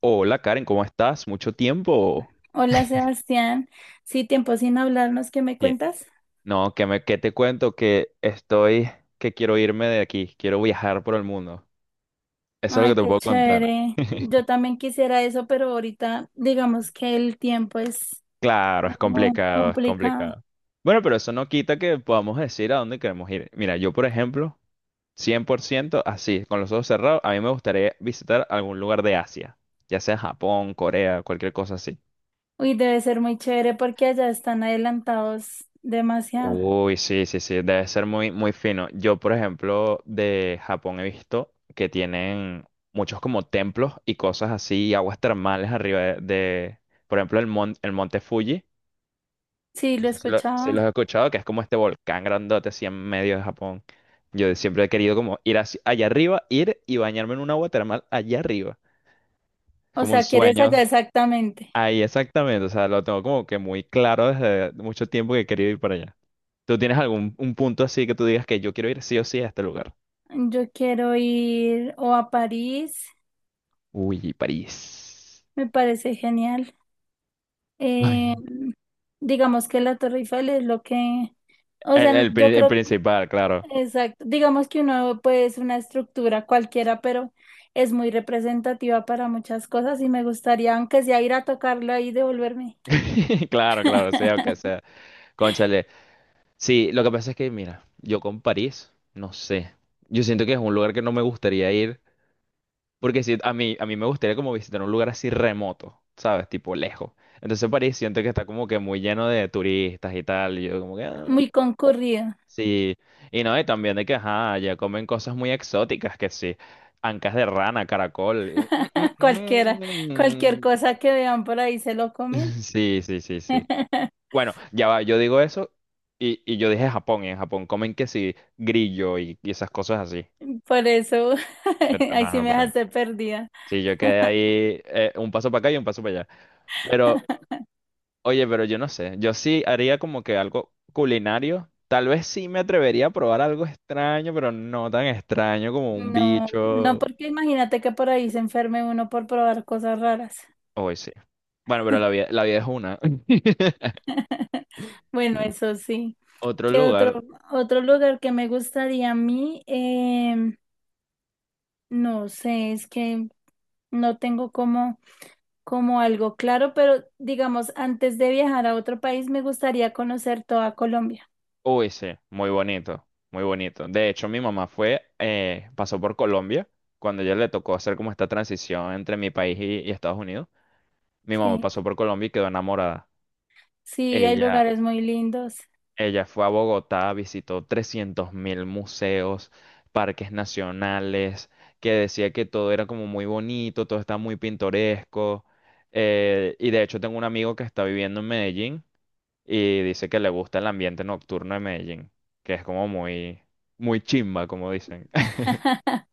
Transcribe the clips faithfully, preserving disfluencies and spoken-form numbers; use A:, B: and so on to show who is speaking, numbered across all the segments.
A: Hola Karen, ¿cómo estás? ¿Mucho tiempo?
B: Hola Sebastián, sí, tiempo sin hablarnos, ¿qué me
A: Bien.
B: cuentas?
A: No, que me, que te cuento que estoy, que quiero irme de aquí, quiero viajar por el mundo. Eso es lo
B: Ay,
A: que te
B: qué
A: puedo contar.
B: chévere. Yo también quisiera eso, pero ahorita digamos que el tiempo es
A: Claro, es
B: como
A: complicado, es
B: complicado.
A: complicado. Bueno, pero eso no quita que podamos decir a dónde queremos ir. Mira, yo por ejemplo, cien por ciento, así, con los ojos cerrados, a mí me gustaría visitar algún lugar de Asia, ya sea Japón, Corea, cualquier cosa así.
B: Uy, debe ser muy chévere porque allá están adelantados demasiado.
A: Uy, sí, sí, sí, debe ser muy, muy fino. Yo, por ejemplo, de Japón he visto que tienen muchos como templos y cosas así, y aguas termales arriba de, de, por ejemplo, el, mon- el monte Fuji.
B: Sí,
A: No
B: lo
A: sé si lo, si los he
B: escuchaba.
A: escuchado, que es como este volcán grandote así en medio de Japón. Yo siempre he querido como ir así- allá arriba, ir y bañarme en un agua termal allá arriba. Es
B: O
A: como un
B: sea, ¿quieres
A: sueño.
B: allá exactamente?
A: Ahí exactamente, o sea, lo tengo como que muy claro desde mucho tiempo que he querido ir para allá. ¿Tú tienes algún un punto así que tú digas que yo quiero ir sí o sí a este lugar?
B: Yo quiero ir o a París,
A: Uy, París.
B: me parece genial.
A: Ay,
B: Eh, digamos que la Torre Eiffel es lo que... O
A: El,
B: sea,
A: el
B: yo
A: pri- el
B: creo.
A: principal, claro.
B: Exacto. Digamos que uno pues una estructura cualquiera, pero es muy representativa para muchas cosas y me gustaría, aunque sea ir a tocarlo ahí, y devolverme.
A: Claro, claro, sea aunque sea. Cónchale. Sí, lo que pasa es que, mira, yo con París, no sé. Yo siento que es un lugar que no me gustaría ir, porque si a mí, a mí me gustaría como visitar un lugar así remoto, ¿sabes? Tipo lejos. Entonces París siento que está como que muy lleno de turistas y tal, y yo como que... ah.
B: Muy concurrido.
A: Sí, y no, y también de que, ajá, ya comen cosas muy exóticas, que sí, ancas de rana, caracol. mm,
B: Cualquiera,
A: mm,
B: cualquier
A: mm.
B: cosa que vean por ahí se lo comen.
A: Sí, sí, sí, sí. Bueno, ya va, yo digo eso y, y yo dije Japón, y en Japón comen que sí, grillo y, y esas cosas así.
B: Por eso,
A: Pero,
B: ahí
A: no,
B: sí
A: no,
B: me
A: pero...
B: dejaste perdida.
A: Sí, yo quedé ahí eh, un paso para acá y un paso para allá. Pero, oye, pero yo no sé, yo sí haría como que algo culinario. Tal vez sí me atrevería a probar algo extraño, pero no tan extraño como un
B: No, no,
A: bicho.
B: porque imagínate que por ahí se enferme uno por probar cosas raras.
A: OS. Bueno, pero la vida, la vida es una.
B: Bueno, eso sí.
A: Otro
B: ¿Qué otro,
A: lugar,
B: otro lugar que me gustaría a mí? Em, no sé, es que no tengo como, como algo claro, pero digamos, antes de viajar a otro país, me gustaría conocer toda Colombia.
A: OS, muy bonito, muy bonito. De hecho, mi mamá fue, eh, pasó por Colombia, cuando ella le tocó hacer como esta transición entre mi país y, y Estados Unidos. Mi mamá
B: Sí,
A: pasó por Colombia y quedó enamorada.
B: sí, hay
A: Ella,
B: lugares muy lindos.
A: ella fue a Bogotá, visitó trescientos mil museos, parques nacionales, que decía que todo era como muy bonito, todo está muy pintoresco. Eh, y de hecho tengo un amigo que está viviendo en Medellín y dice que le gusta el ambiente nocturno de Medellín, que es como muy, muy chimba, como dicen.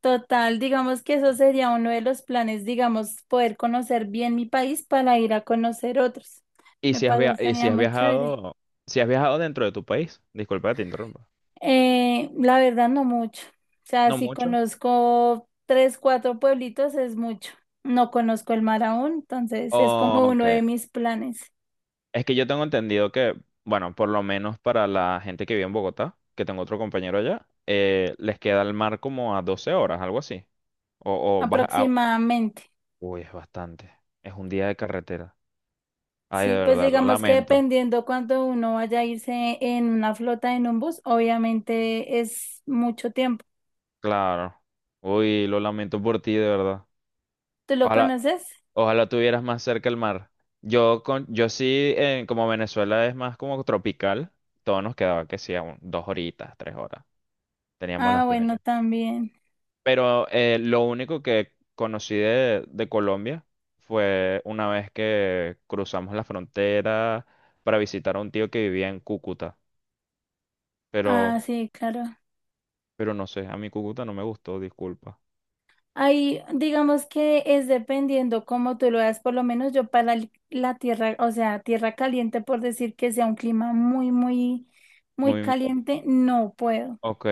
B: Total, digamos que eso sería uno de los planes, digamos, poder conocer bien mi país para ir a conocer otros.
A: ¿Y
B: Me
A: si has via- y si
B: parecería
A: has
B: muy chévere.
A: viajado, si has viajado dentro de tu país? Disculpa que te interrumpa.
B: Eh, la verdad no mucho. O sea,
A: No
B: si
A: mucho.
B: conozco tres, cuatro pueblitos es mucho. No conozco el mar aún, entonces es como
A: Ok.
B: uno de mis planes,
A: Es que yo tengo entendido que, bueno, por lo menos para la gente que vive en Bogotá, que tengo otro compañero allá, eh, les queda el mar como a doce horas, algo así. O, o vas a...
B: aproximadamente.
A: Uy, es bastante. Es un día de carretera. Ay, de
B: Sí, pues
A: verdad, lo
B: digamos que
A: lamento.
B: dependiendo cuando uno vaya a irse en una flota, en un bus, obviamente es mucho tiempo.
A: Claro. Uy, lo lamento por ti, de verdad.
B: ¿Tú lo
A: Ojalá,
B: conoces?
A: ojalá tuvieras más cerca el mar. Yo, con, yo sí, eh, como Venezuela es más como tropical, todo nos quedaba que sí, a un- dos horitas, tres horas. Teníamos
B: Ah,
A: las
B: bueno,
A: playas.
B: también.
A: Pero eh, lo único que conocí de, de Colombia fue una vez que cruzamos la frontera para visitar a un tío que vivía en Cúcuta.
B: Ah,
A: Pero,
B: sí, claro.
A: pero no sé, a mí Cúcuta no me gustó, disculpa.
B: Ahí, digamos que es dependiendo cómo tú lo veas, por lo menos yo para el- la tierra, o sea, tierra caliente, por decir que sea un clima muy, muy, muy
A: Muy,
B: caliente, no puedo,
A: ok,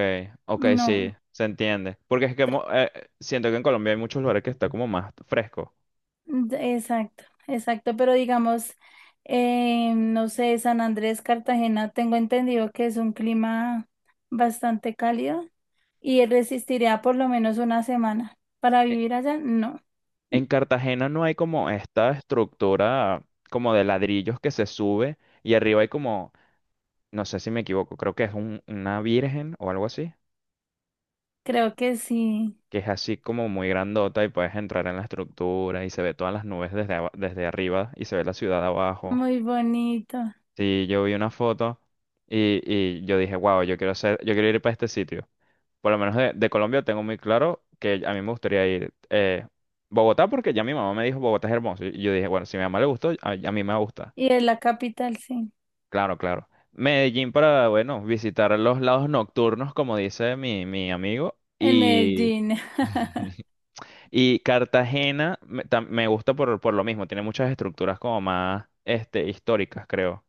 A: ok,
B: no,
A: sí, se entiende. Porque es que mo- eh, siento que en Colombia hay muchos lugares que está como más fresco.
B: d- exacto, exacto, pero digamos, eh, no sé, San Andrés, Cartagena, tengo entendido que es un clima bastante cálido y resistiría por lo menos una semana. Para
A: E-
B: vivir allá, no,
A: En Cartagena no hay como esta estructura como de ladrillos que se sube y arriba hay como, no sé si me equivoco, creo que es un- una virgen o algo así,
B: creo que sí,
A: que es así como muy grandota y puedes entrar en la estructura y se ve todas las nubes desde, aba- desde arriba y se ve la ciudad abajo.
B: muy bonito.
A: Sí, yo vi una foto y, y yo dije, wow, yo quiero hacer, yo quiero ir para este sitio. Por lo menos de, de Colombia tengo muy claro que a mí me gustaría ir eh, Bogotá porque ya mi mamá me dijo Bogotá es hermoso. Y yo dije, bueno, si a mi mamá le gustó, a, a mí me va a gustar.
B: Y es la capital, sí.
A: Claro, claro. Medellín para, bueno, visitar los lados nocturnos, como dice mi, mi amigo.
B: En
A: Y,
B: Medellín.
A: y Cartagena me, tam- me gusta por, por lo mismo. Tiene muchas estructuras como más este, históricas, creo.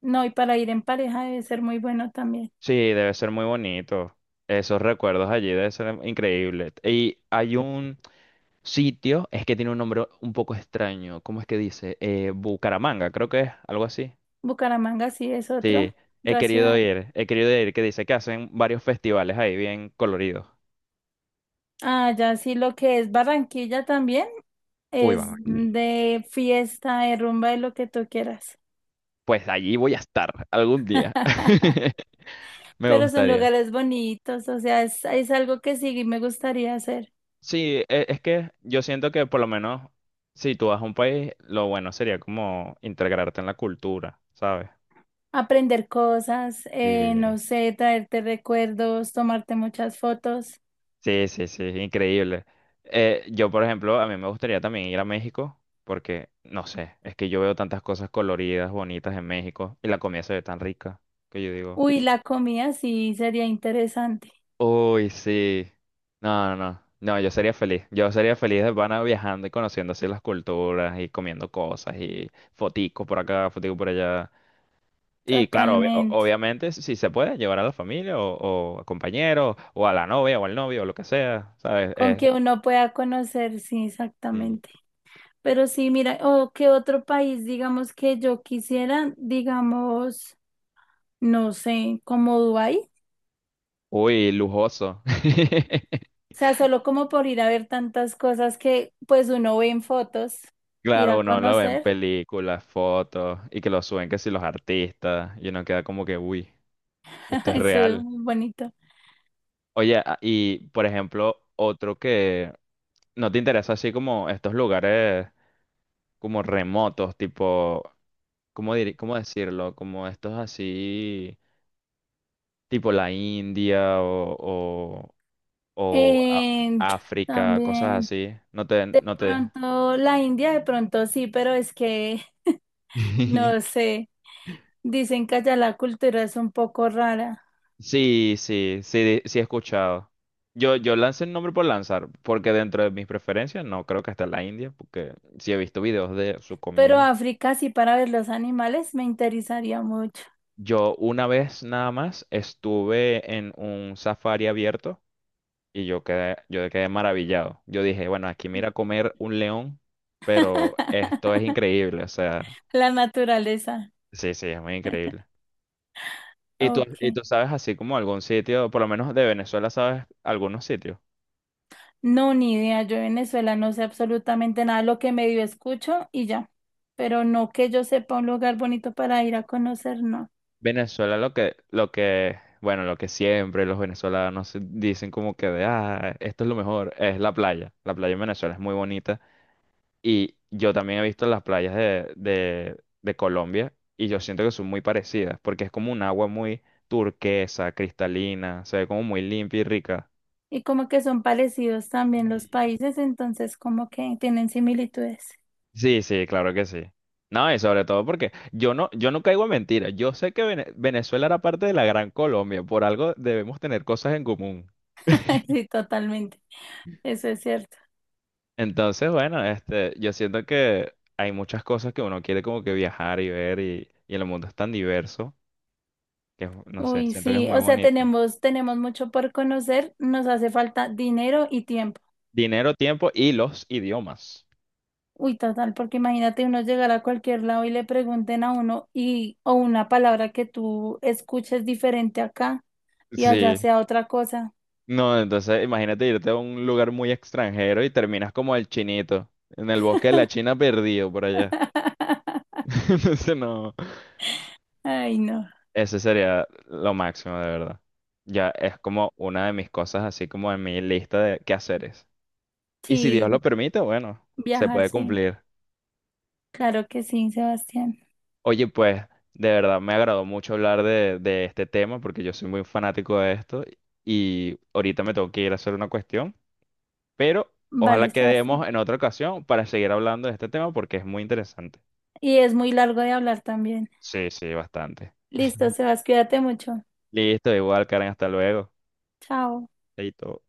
B: No, y para ir en pareja debe ser muy bueno también.
A: Sí, debe ser muy bonito. Esos recuerdos allí debe ser increíble. Y hay un... sitio es que tiene un nombre un poco extraño. ¿Cómo es que dice? Eh, Bucaramanga, creo que es algo así.
B: Bucaramanga sí es otro,
A: Sí, he
B: otra
A: querido
B: ciudad.
A: ir, he querido ir, que dice que hacen varios festivales ahí bien coloridos.
B: Ah, ya sí, lo que es Barranquilla también
A: Uy,
B: es
A: Barranquilla.
B: de fiesta, de rumba, de lo que tú quieras.
A: Pues allí voy a estar algún día. Me
B: Pero son
A: gustaría.
B: lugares bonitos, o sea, es, es algo que sí me gustaría hacer.
A: Sí, e- es que yo siento que por lo menos si tú vas a un país, lo bueno sería como integrarte en la cultura, ¿sabes?
B: Aprender cosas, eh, no sé, traerte recuerdos, tomarte muchas fotos.
A: Sí, sí, sí, increíble. Eh, yo, por ejemplo, a mí me gustaría también ir a México porque, no sé, es que yo veo tantas cosas coloridas, bonitas en México y la comida se ve tan rica que yo digo,
B: Uy, la comida sí sería interesante,
A: uy, sí. No, no, no, no, yo sería feliz. Yo sería feliz de pana viajando y conociendo así las culturas y comiendo cosas y foticos por acá, foticos por allá. Y claro, obvi- o-
B: totalmente.
A: obviamente, si se puede, llevar a la familia o, o a compañeros o a la novia o al novio o lo que sea, ¿sabes?
B: Con que uno pueda conocer, sí,
A: Eh,
B: exactamente. Pero sí, mira, o qué otro país, digamos, que yo quisiera, digamos, no sé, como Dubái.
A: Uy, lujoso.
B: O sea, solo como por ir a ver tantas cosas que pues uno ve en fotos, ir
A: Claro,
B: a
A: uno lo ve en
B: conocer,
A: películas, fotos y que lo suben que si los artistas y uno queda como que, uy, esto es
B: eso es
A: real.
B: muy bonito.
A: Oye, a- y por ejemplo, otro que no te interesa así como estos lugares como remotos, tipo, ¿cómo dir- cómo decirlo? Como estos así, tipo la India o, o, o a-
B: Eh,
A: África, cosas
B: También,
A: así. No te,
B: de
A: no te.
B: pronto, la India, de pronto sí, pero es que, no sé, dicen que allá la cultura es un poco rara.
A: Sí, sí, sí, sí he escuchado. Yo, yo lancé el nombre por lanzar, porque dentro de mis preferencias no creo que hasta la India, porque sí he visto videos de su
B: Pero
A: comida.
B: África, sí, para ver los animales me interesaría mucho.
A: Yo una vez nada más estuve en un safari abierto y yo quedé, yo quedé maravillado. Yo dije, bueno, aquí mira comer un león, pero esto es increíble, o sea,
B: La naturaleza.
A: sí, sí, es muy increíble. ¿Y tú, ¿y
B: Ok.
A: tú sabes así como algún sitio, por lo menos de Venezuela, sabes algunos sitios?
B: No, ni idea. Yo de Venezuela no sé absolutamente nada. Lo que medio escucho y ya. Pero no que yo sepa un lugar bonito para ir a conocer, no.
A: Venezuela lo que, lo que, bueno, lo que siempre los venezolanos dicen como que de, ah, esto es lo mejor, es la playa. La playa en Venezuela es muy bonita y yo también he visto las playas de, de, de Colombia y yo siento que son muy parecidas porque es como un agua muy turquesa, cristalina, se ve como muy limpia y rica.
B: Y como que son parecidos también los
A: Ujú.
B: países, entonces como que tienen similitudes.
A: Sí, sí, claro que sí. No, y sobre todo porque yo no, yo no caigo en mentiras. Yo sé que Vene- Venezuela era parte de la Gran Colombia, por algo debemos tener cosas en común.
B: Sí, totalmente. Eso es cierto.
A: Entonces, bueno, este, yo siento que hay muchas cosas que uno quiere como que viajar y ver y, y el mundo es tan diverso que, es- no sé,
B: Uy,
A: siento que es
B: sí.
A: muy
B: O sea,
A: bonito.
B: tenemos, tenemos mucho por conocer. Nos hace falta dinero y tiempo.
A: Dinero, tiempo y los idiomas.
B: Uy, total, porque imagínate uno llegar a cualquier lado y le pregunten a uno y o una palabra que tú escuches diferente acá y allá
A: Sí,
B: sea otra cosa.
A: no, entonces imagínate irte a un lugar muy extranjero y terminas como el chinito, en el bosque de la China perdido por allá. Entonces, no,
B: Ay, no.
A: ese sería lo máximo de verdad. Ya es como una de mis cosas así como en mi lista de quehaceres. Y si Dios
B: Sí,
A: lo permite, bueno, se
B: viajar,
A: puede
B: sí.
A: cumplir.
B: Claro que sí, Sebastián.
A: Oye, pues, de verdad me agradó mucho hablar de, de este tema porque yo soy muy fanático de esto y ahorita me tengo que ir a hacer una cuestión, pero ojalá
B: Vale,
A: quedemos
B: Sebastián.
A: en otra ocasión para seguir hablando de este tema porque es muy interesante.
B: Y es muy largo de hablar también.
A: Sí, sí, bastante.
B: Listo, Sebas, cuídate mucho.
A: Listo, igual, Karen, hasta luego.
B: Chao.
A: Chaito.